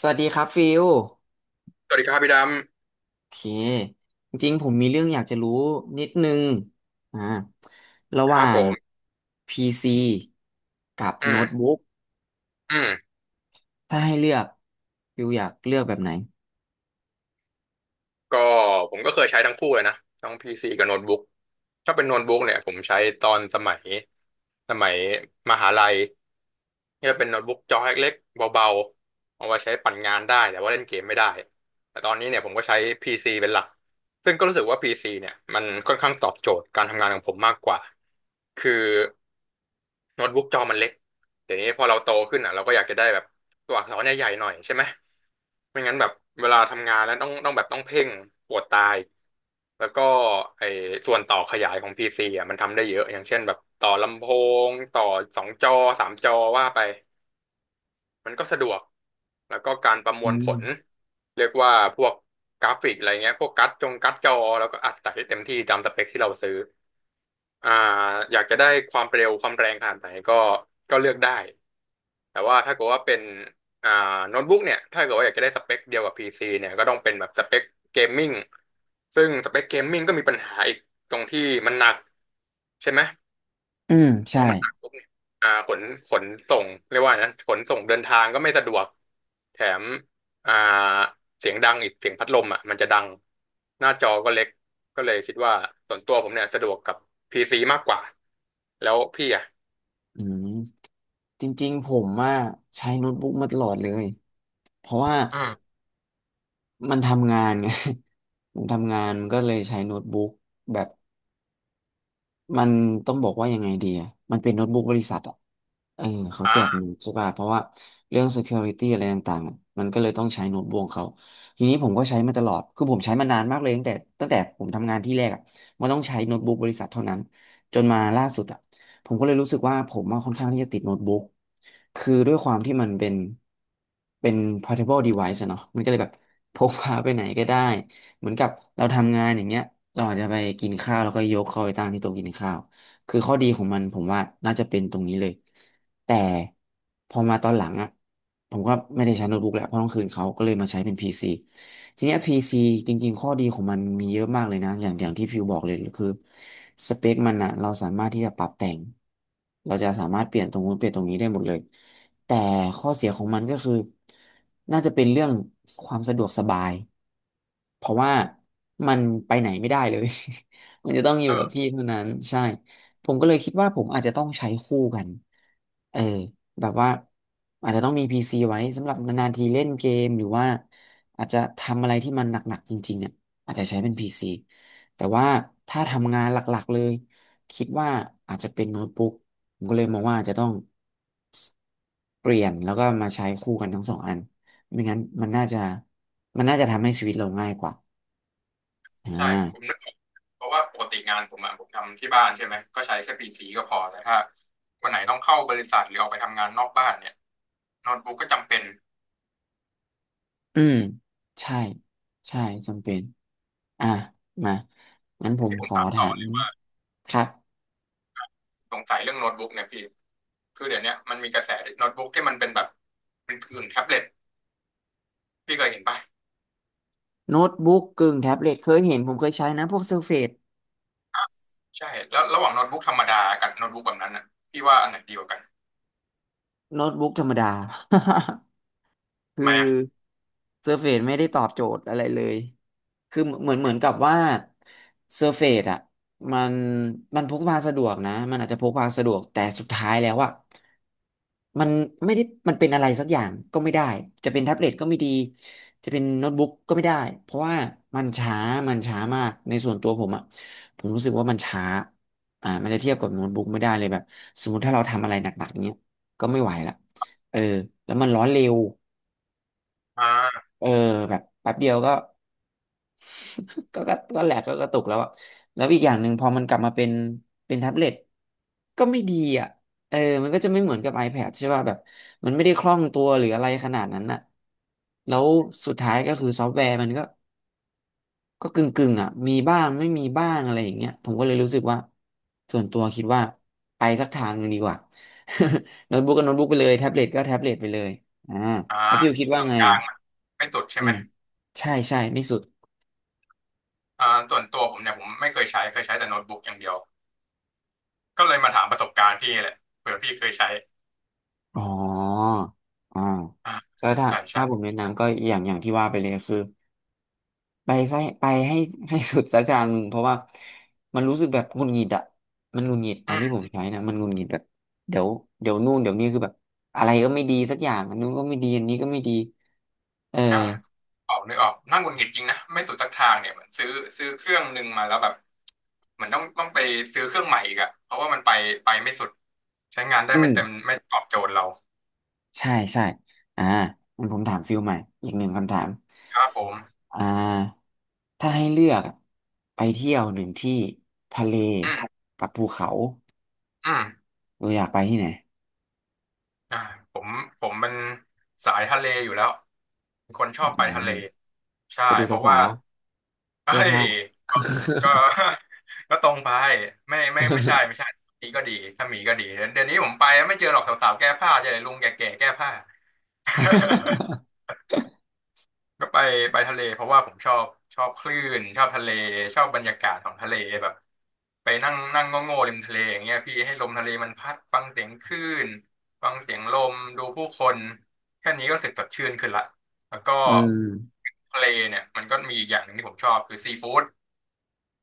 สวัสดีครับฟิลสวัสดีครับพี่ดโอเคจริงๆผมมีเรื่องอยากจะรู้นิดนึงอ่าระำหครัว่าบผง ม PC กับอืโน้มตบุ๊กอืมถ้าให้เลือกฟิลอยากเลือกแบบไหนก็ผมก็เคยใช้ทั้งคู่เลยนะทั้งพีซีกับโน้ตบุ๊กถ้าเป็นโน้ตบุ๊กเนี่ยผมใช้ตอนสมัยสมัยมหาลัยก็จะเป็นโน้ตบุ๊กจอเล็กๆเบาๆเอาไว้ใช้ปั่นงานได้แต่ว่าเล่นเกมไม่ได้ แต่ตอนนี้เนี่ยผมก็ใช้พีซีเป็นหลัก ซึ่งก็รู้สึกว่าพีซีเนี่ยมันค่อนข้างตอบโจทย์การทำงานของผมมากกว่า คือโน้ตบุ๊กจอมันเล็กเดี๋ยวนี้พอเราโตขึ้นอ่ะเราก็อยากจะได้แบบ ตัวอักษรเนี่ยใหญ่หน่อยใช่ไหมไม่งั้นแบบเวลาทำงานแล้วต้องแบบต้องเพ่งปวดตาย แล้วก็ไอ้ส่วนต่อขยายของ PC อ่ะมันทำได้เยอะอย่างเช่นแบบต่อลำโพงต่อสองจอสามจอว่าไปมันก็สะดวกแล้วก็การประมอืวลผมลเรียกว่าพวกกราฟิกอะไรเงี้ยพวกกัดจงกัดจอแล้วก็อัดใส่ได้เต็มที่ตามสเปคที่เราซื้อ อ่าอยากจะได้ความเร็วความแรงขนาดไหนก็เลือกได้แต่ว่าถ้าเกิดว่าเป็นอ่าโน้ตบุ๊กเนี่ยถ้าเกิดว่าอยากจะได้สเปคเดียวกับ PC เนี่ยก็ต้องเป็นแบบสเปคเกมมิ่งซึ่งสเปคเกมมิ่งก็มีปัญหาอีกตรงที่มันหนักใช่ไหม อืมพอใช่มันหนักปุ๊บเนี่ยขนขนส่งเรียกว่านะขนส่งเดินทางก็ไม่สะดวกแถมอ่าเสียงดังอีกเสียงพัดลมอ่ะมันจะดังหน้าจอก็เล็กก็เลยคิดว่าส่วนตัวผมเนี่ยสะดวกกับพีซีมากกว่าแล้วพี่อ่ะอืมจริงๆผมว่าใช้โน้ตบุ๊กมาตลอดเลยเพราะว่าอืมมันทำงานไง ผมทำงานนก็เลยใช้โน้ตบุ๊กแบบมันต้องบอกว่ายังไงดีอะมันเป็นโน้ตบุ๊กบริษัทอะ เออเขาแจกอ่ามันใช่ป่ะเพราะว่าเรื่อง security อะไรต่างๆมันก็เลยต้องใช้โน้ตบุ๊กของเขาทีนี้ผมก็ใช้มาตลอดคือผมใช้มานานมากเลยตั้งแต่ผมทำงานที่แรกอ่ะมันต้องใช้โน้ตบุ๊กบริษัทเท่านั้นจนมาล่าสุดอ่ะผมก็เลยรู้สึกว่าผมมาค่อนข้างที่จะติดโน้ตบุ๊กคือด้วยความที่มันเป็นเป็น portable device อะเนาะมันก็เลยแบบ พกพาไปไหนก็ได้เหมือนกับเราทำงานอย่างเงี้ยเราอาจจะไปกินข้าวแล้วก็ยกเข้าไปตั้งที่โต๊ะกินข้าว คือข้อดีของมันผมว่าน่าจะเป็นตรงนี้เลย แต่พอมาตอนหลังอ่ะผมก็ไม่ได้ใช้โน้ตบุ๊กแล้วเพราะต้องคืนเขาก็เลยมาใช้เป็น PC ทีเนี้ย PC จริงๆข้อดีของมันมีเยอะมากเลยนะอย่างที่ฟิวบอกเลยคือสเปคมันอ่ะเราสามารถที่จะปรับแต่งเราจะสามารถเปลี่ยนตรงนู้นเปลี่ยนตรงนี้ได้หมดเลยแต่ข้อเสียของมันก็คือน่าจะเป็นเรื่องความสะดวกสบายเพราะว่ามันไปไหนไม่ได้เลย มันจะต้องอยู่เอกับอที่เท่านั้นใช่ ผมก็เลยคิดว่าผมอาจจะต้องใช้คู่กันเออแบบว่าอาจจะต้องมี PC ไว้สำหรับนานๆทีเล่นเกมหรือว่าอาจจะทำอะไรที่มันหนักๆจริงๆอ่ะอาจจะใช้เป็น PC แต่ว่าถ้าทำงานหลักๆเลยคิดว่าอาจจะเป็นโน้ตบุ๊กผมก็เลยมองว่าอาจจะต้องเปลี่ยนแล้วก็มาใช้คู่กันทั้งสองอันไม่งั้นมันน่าจะทำให้ชีวิตเราง่ายกว่าอ่ใช่ผมานึกออกเพราะว่าปกติงานผมอ่ะผมทำที่บ้านใช่ไหมก็ใช้แค่พีซีก็พอแต่ถ้าวันไหนต้องเข้าบริษัทหรือออกไปทำงานนอกบ้านเนี่ยโน้ตบุ๊กก็จำเป็นอืมใช่ใช่จำเป็น อ่ะมางั้นผมที่ผขมอถามถาต่อ มครับสงสัยเรื่องโน้ตบุ๊กเนี่ยพี่คือเดี๋ยวเนี้ยมันมีกระแสโน้ตบุ๊กที่มันเป็นแบบเป็นผื่นแท็บเล็ตพี่เคยเห็นป่ะโน้ตบุ๊กกึ่งแท็บเล็ตเคยเห็นผมเคยใช้นะพวกเซอร์เฟซใช่แล้วระหว่างโน้ตบุ๊กธรรมดากับโน้ตบุ๊กแบบนั้นอ่ะพี่ว่าอันไหนดีกว่ากันโน้ตบุ๊กธรรมดา คืทำอไมอ่ะเซอร์เฟซไม่ได้ตอบโจทย์อะไรเลยคือเหมือนกับว่าเซอร์เฟซอ่ะมันพกพาสะดวกนะมันอาจจะพกพาสะดวกแต่สุดท้ายแล้วอ่ะมันไม่ได้มันเป็นอะไรสักอย่างก็ไม่ได้จะเป็นแท็บเล็ตก็ไม่ดีจะเป็นโน้ตบุ๊กก็ไม่ได้เพราะว่ามันช้ามันช้ามากในส่วนตัวผมอ่ะผมรู้สึกว่ามันช้าอ่ามันจะเทียบกับโน้ตบุ๊กไม่ได้เลยแบบสมมติถ้าเราทำอะไรหนักๆเนี้ยก็ไม่ไหวละเออแล้วมันร้อนเร็ว อ่าเออแบบแป๊บเดียวก็ก็แหลกก็กระตุกแล้วอะแล้วอีกอย่างหนึ่งพอมันกลับมาเป็นแท็บเล็ตก็ไม่ดีอ่ะเออมันก็จะไม่เหมือนกับ iPad ใช่ป่ะแบบมันไม่ได้คล่องตัวหรืออะไรขนาดนั้นอ่ะแล้วสุดท้ายก็คือซอฟต์แวร์มันก็กึ่งกึ่งอ่ะมีบ้างไม่มีบ้างอะไรอย่างเงี้ยผมก็เลยรู้สึกว่าส่วนตัวคิดว่าไปสักทางหนึ่งดีกว่า โน้ตบุ๊กก็โน้ตบุ๊กไปเลยแท็บเล็ตก็แท็บเล็ตไปเลยอ่าอ่าแล้วฟิลคิดเคว่ารื่องไงกลาอ่ะงๆอะไม่สุดใช่อืไหมมใช่ใช่ไม่สุด ส่วนตัวผมเนี่ยผมไม่เคยใช้เคยใช้แต่โน้ตบุ๊กอย่างเดียวก็เลยมาถามประสบการณ์พี่แหละเผื่อพี่เคยใช้อ๋ออ่าอ่าก็ถ้าใช่ใช่ ผมแนะนำก็อย่างที่ว่าไปเลยคือไปไส้ไปให้ ให้สุดสักทางหนึ่งเพราะว่ามันรู้สึกแบบหงุดหงิดอะมันหงุดหงิดตอนที่ผมใช้นะมันหงุดหงิดแบบเดี๋ยวนู่นเดี๋ยวนี้คือแบบอะไรก็ไม่ดีสักอย่างอันนู้นก็ไม่ดีอันนี้ก็ไม่ดีเอออ่าออกนึกออกน่าหงุดหงิดจริงนะไม่สุดสักทางเนี่ยเหมือนซื้อเครื่องหนึ่งมาแล้วแบบเหมือนต้องไปซื้อเครื่องใหม่อีกอะเพราะว่ามันไปไม่สุดใช้งานได้อืไม่มเต็มไม่ตอบโจทย์เราใช่ใช่อ่างั้นผมถามฟิลใหม่อีกหนึ่งคำถามครับผมอ่าถ้าให้เลือกอะไปเที่ยวหนึ่งที่ทะเลอืมกับภูเขา อืมเอออยากไปที่ไหนอ่าผมผมเป็นสายทะเลอยู่แล้วเป็นคนชอบไปอ๋อทะเลใช่ไปดูเพราะสาว่าวๆ เฮ้แก้ยผ้า ก็ ก็ตรงไปไม่ไม่ไม่ใช่ไม่ ใช่มีก็ดีถ้ามีก็ดีเดี๋ยวนี้ผมไปไม่เจอหรอกสาวๆแก้ผ้าเจอแต่ลุงแก่ๆแก้ผ้า ก็ไปไปทะเลเพราะว่าผมชอบชอบคลื่นชอบทะเลชอบบรรยากาศของทะเลแบบไปนั่งนั่งโง่ๆริมทะเลอย่างเงี้ยพี่ให้ลมทะเลมันพัดฟังเสียงคลื่นฟังเสียงลมดูผู้คนแค่นี้ก็รู้สึกสดชื่นขึ้นละแล้วก็อืมทะเลเนี่ยมันก็มีอีกอย่างหนึ่งที่ผมชอบคือซีฟู้ด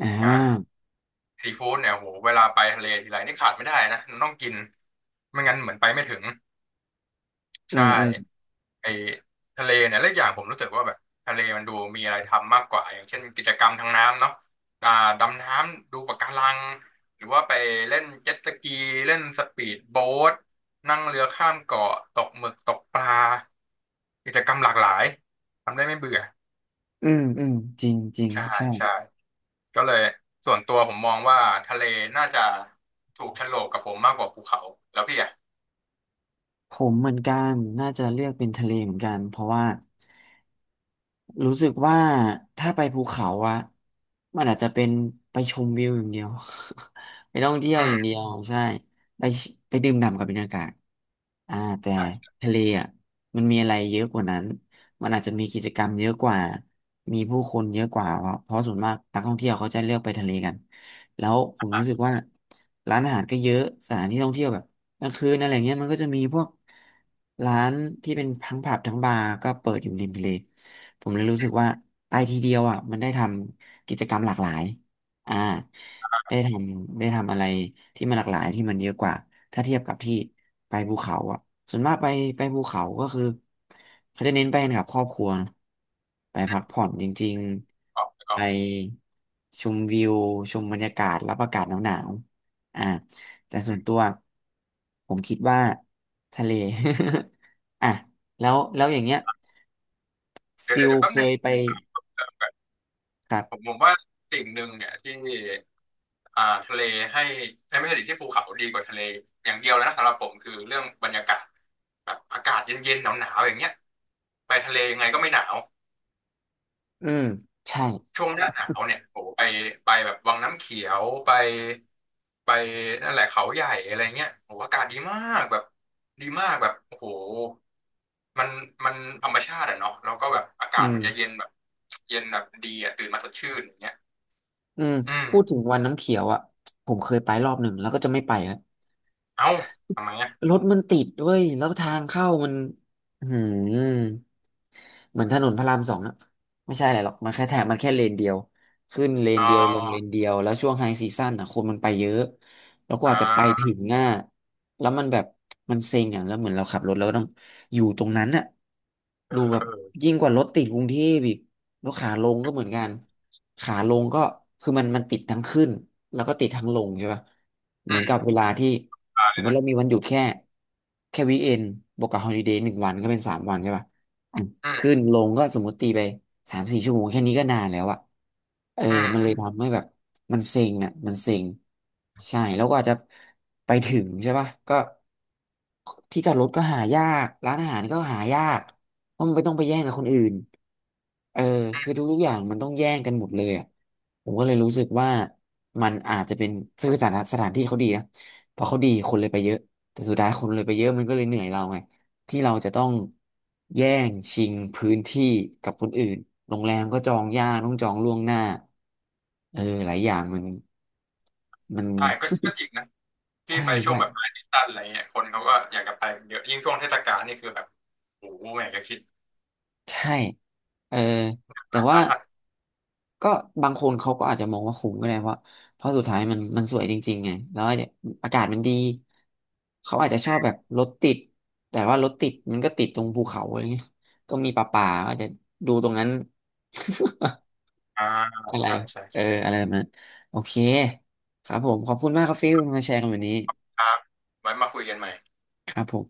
อ่อ่าาซีฟู้ดเนี่ยโหเวลาไปทะเลทีไรนี่ขาดไม่ได้นะต้องกินไม่งั้นเหมือนไปไม่ถึงอืใช่ มอืมไอ้ทะเลเนี่ยและอกอย่างผมรู้สึกว่าแบบทะเลมันดูมีอะไรทำมากกว่าอย่างเช่นกิจกรรมทางน้ำเนาะอ่าดำน้ำดูปะการังหรือว่าไปเล่นเจ็ตสกีเล่นสปีดโบ๊ทนั่งเรือข้ามเกาะตกหมึกตกปลากิจกรรมหลากหลายทำได้ไม่เบื่ออืมอืมจริงจริงใช่ใช่ใช่ก็เลยส่วนตัวผมมองว่าทะเลน่าจะถูกโฉลกกับผมมากกว่าภูเขาแล้วพี่อ่ะผมเหมือนกันน่าจะเลือกเป็นทะเลเหมือนกันเพราะว่า รู้สึกว่าถ้าไปภูเขาอะมันอาจจะเป็นไปชมวิวอย่างเดียว ไปท่องเที่ยวอือย่างเดีมยวใช่ไปไปดื่มด่ำกับบรรยากาศอ่าแต่ใช่ใช่ทะเลอะมันมีอะไรเยอะกว่านั้นมันอาจจะมีกิจกรรมเยอะกว่ามีผู้คนเยอะกว่าเพราะส่วนมากนักท่องเที่ยวเขาจะเลือกไปทะเลกันแล้วผมรู้สึอ่ะกว่าร้านอาหารก็เยอะสถานที่ท่องเที่ยวแบบ กลางคืนอะไรเงี้ยมันก็จะมีพวกร้านที่เป็นทั้งผับทั้งบาร์ก็เปิดอยู่ริมทะเลผมเลยรู้สึกว่าไปทีเดียวอ่ะมันได้ทำกิจกรรมหลากหลายอ่าได้ทำอะไรที่มันหลากหลายที่มันเยอะกว่าถ้าเทียบกับที่ไปภูเขาอ่ะส่วนมากไปภูเขาก็คือเขาจะเน้นไปกันกับครอบครัวนะไปพักผ่อนจริงออกๆอไปอกชมวิวชมบรรยากาศรับอากาศหนาวๆแต่ส่อืวนมตัวผมคิดว่าทะเล อ่ะแล้วอย่างเงี้ยเดี๋ยวฟิเดี๋ยวลเดี๋ยวแป๊บเคนึง ยไปครัผมผบมว่าสิ่งหนึ่งเนี่ยที่ทะเลให้เอ้ยไม่ใช่ดิที่ภูเขาดีกว่าทะเลอย่างเดียวเลยนะสำหรับผมคือเรื่องบรรยากาศแบบอากาศเย็นๆหนาวๆอย่างเงี้ยไปทะเลยังไงก็ไม่หนาวอืมใช่ช่วงหน้าหนาวเนี่ยโอ้โหไปไปแบบวังน้ำเขียวไปไปนั่นแหละเขาใหญ่อะไรเงี้ยโอ้โหอากาศดีมากแบบดีมากแบบโอ้โหมันมันธรรมชาติอะเนาะแล้วก็แบบอากาอืศมมันจะเย็นแบบเย็นแบบดีอะตื่นมาสดชื่นอย่างเงี้ยอืมอืมพูดถึงวันน้ำเขียวอ่ะผมเคยไปรอบหนึ่งแล้วก็จะไม่ไปแล้วเอ้าทำไมอะ รถมันติดด้วยแล้วทางเข้ามันอืม เหมือนถนนพระราม 2นะไม่ใช่อะไรหรอกมันแค่แถบมันแค่เลนเดียวขึ้นเลนอ๋เดียวลงเลนอเดียวแล้วช่วงไฮซีซั่นอ่ะคนมันไปเยอะแล้วกอ่ว่าจะไปถึางง่าแล้วมันแบบมันเซ็งอ่ะแล้วเหมือนเราขับรถแล้วก็ต้องอยู่ตรงนั้นอ่ะเออดูแบบเออยิ่งกว่ารถติดกรุงเทพอีกแล้วขาลงก็เหมือนกันขาลงก็คือมันติดทั้งขึ้นแล้วก็ติดทั้งลงใช่ป่ะเหอืมือนกับเวมลาที่ตายสเลมยมตินะเรามีวันหยุดแค่แค่วีเอนบวกกับฮอลิเดย์1 วันก็เป็น3 วันใช่ป่ะ อืขึ้มนลงก็สมมติตีไป3-4 ชั่วโมงแค่นี้ก็นานแล้วอะเอออืมันเลยมทำให้แบบมันเซ็งอะมันเซ็งใช่แล้วก็อาจจะไปถึงใช่ป่ะก็ที่จอดรถก็หายากร้านอาหารก็หายากเพราะมันไม่ต้องไปแย่งกับคนอื่นเอออืคือมทุกๆอย่างมันต้องแย่งกันหมดเลยอะผมก็เลยรู้สึกว่ามันอาจจะเป็นคือสถานที่เขาดีนะพอเขาดีคนเลยไปเยอะแต่สุดท้ายคนเลยไปเยอะมันก็เลยเหนื่อยเราไง ที่เราจะต้องแย่งชิงพื้นที่กับคนอื่นโรงแรมก็จองยากต้องจองล่วงหน้าเออหลายอย่างมัน มัน ใช่ก็ก็จริงนะ พี่ใช่ไปช่วงใช่แบบปลายซีซั่นอะไรเงี้ยคนเขาก็อยากจะไปเยอะยิ่งช่วงเทศกาลนี่คือแบบโอ้โหอยากะคิดใช่เออแต่หาว่าสาหัสก็บางคนเขาก็อาจจะมองว่าคุ้มก็ได้เพราะเพราะสุดท้ายมันสวยจริงๆไงแล้วอาจจะอากาศมันดี เขาอาจจะชอือบแบบมรถติด แต่ว่ารถติดมันก็ติดตรงภูเขาอะไรเงี้ยก็มีป่าๆก็อาจจะดูตรงนั้น อ่าอะไรใช่ใช่เอออะไรแบบนั้นโอเค ครับผม ขอบคุณมากครับฟิลมาแชร์กันวันนี้ ครับไว้มาคุยกันใหม่ครับผม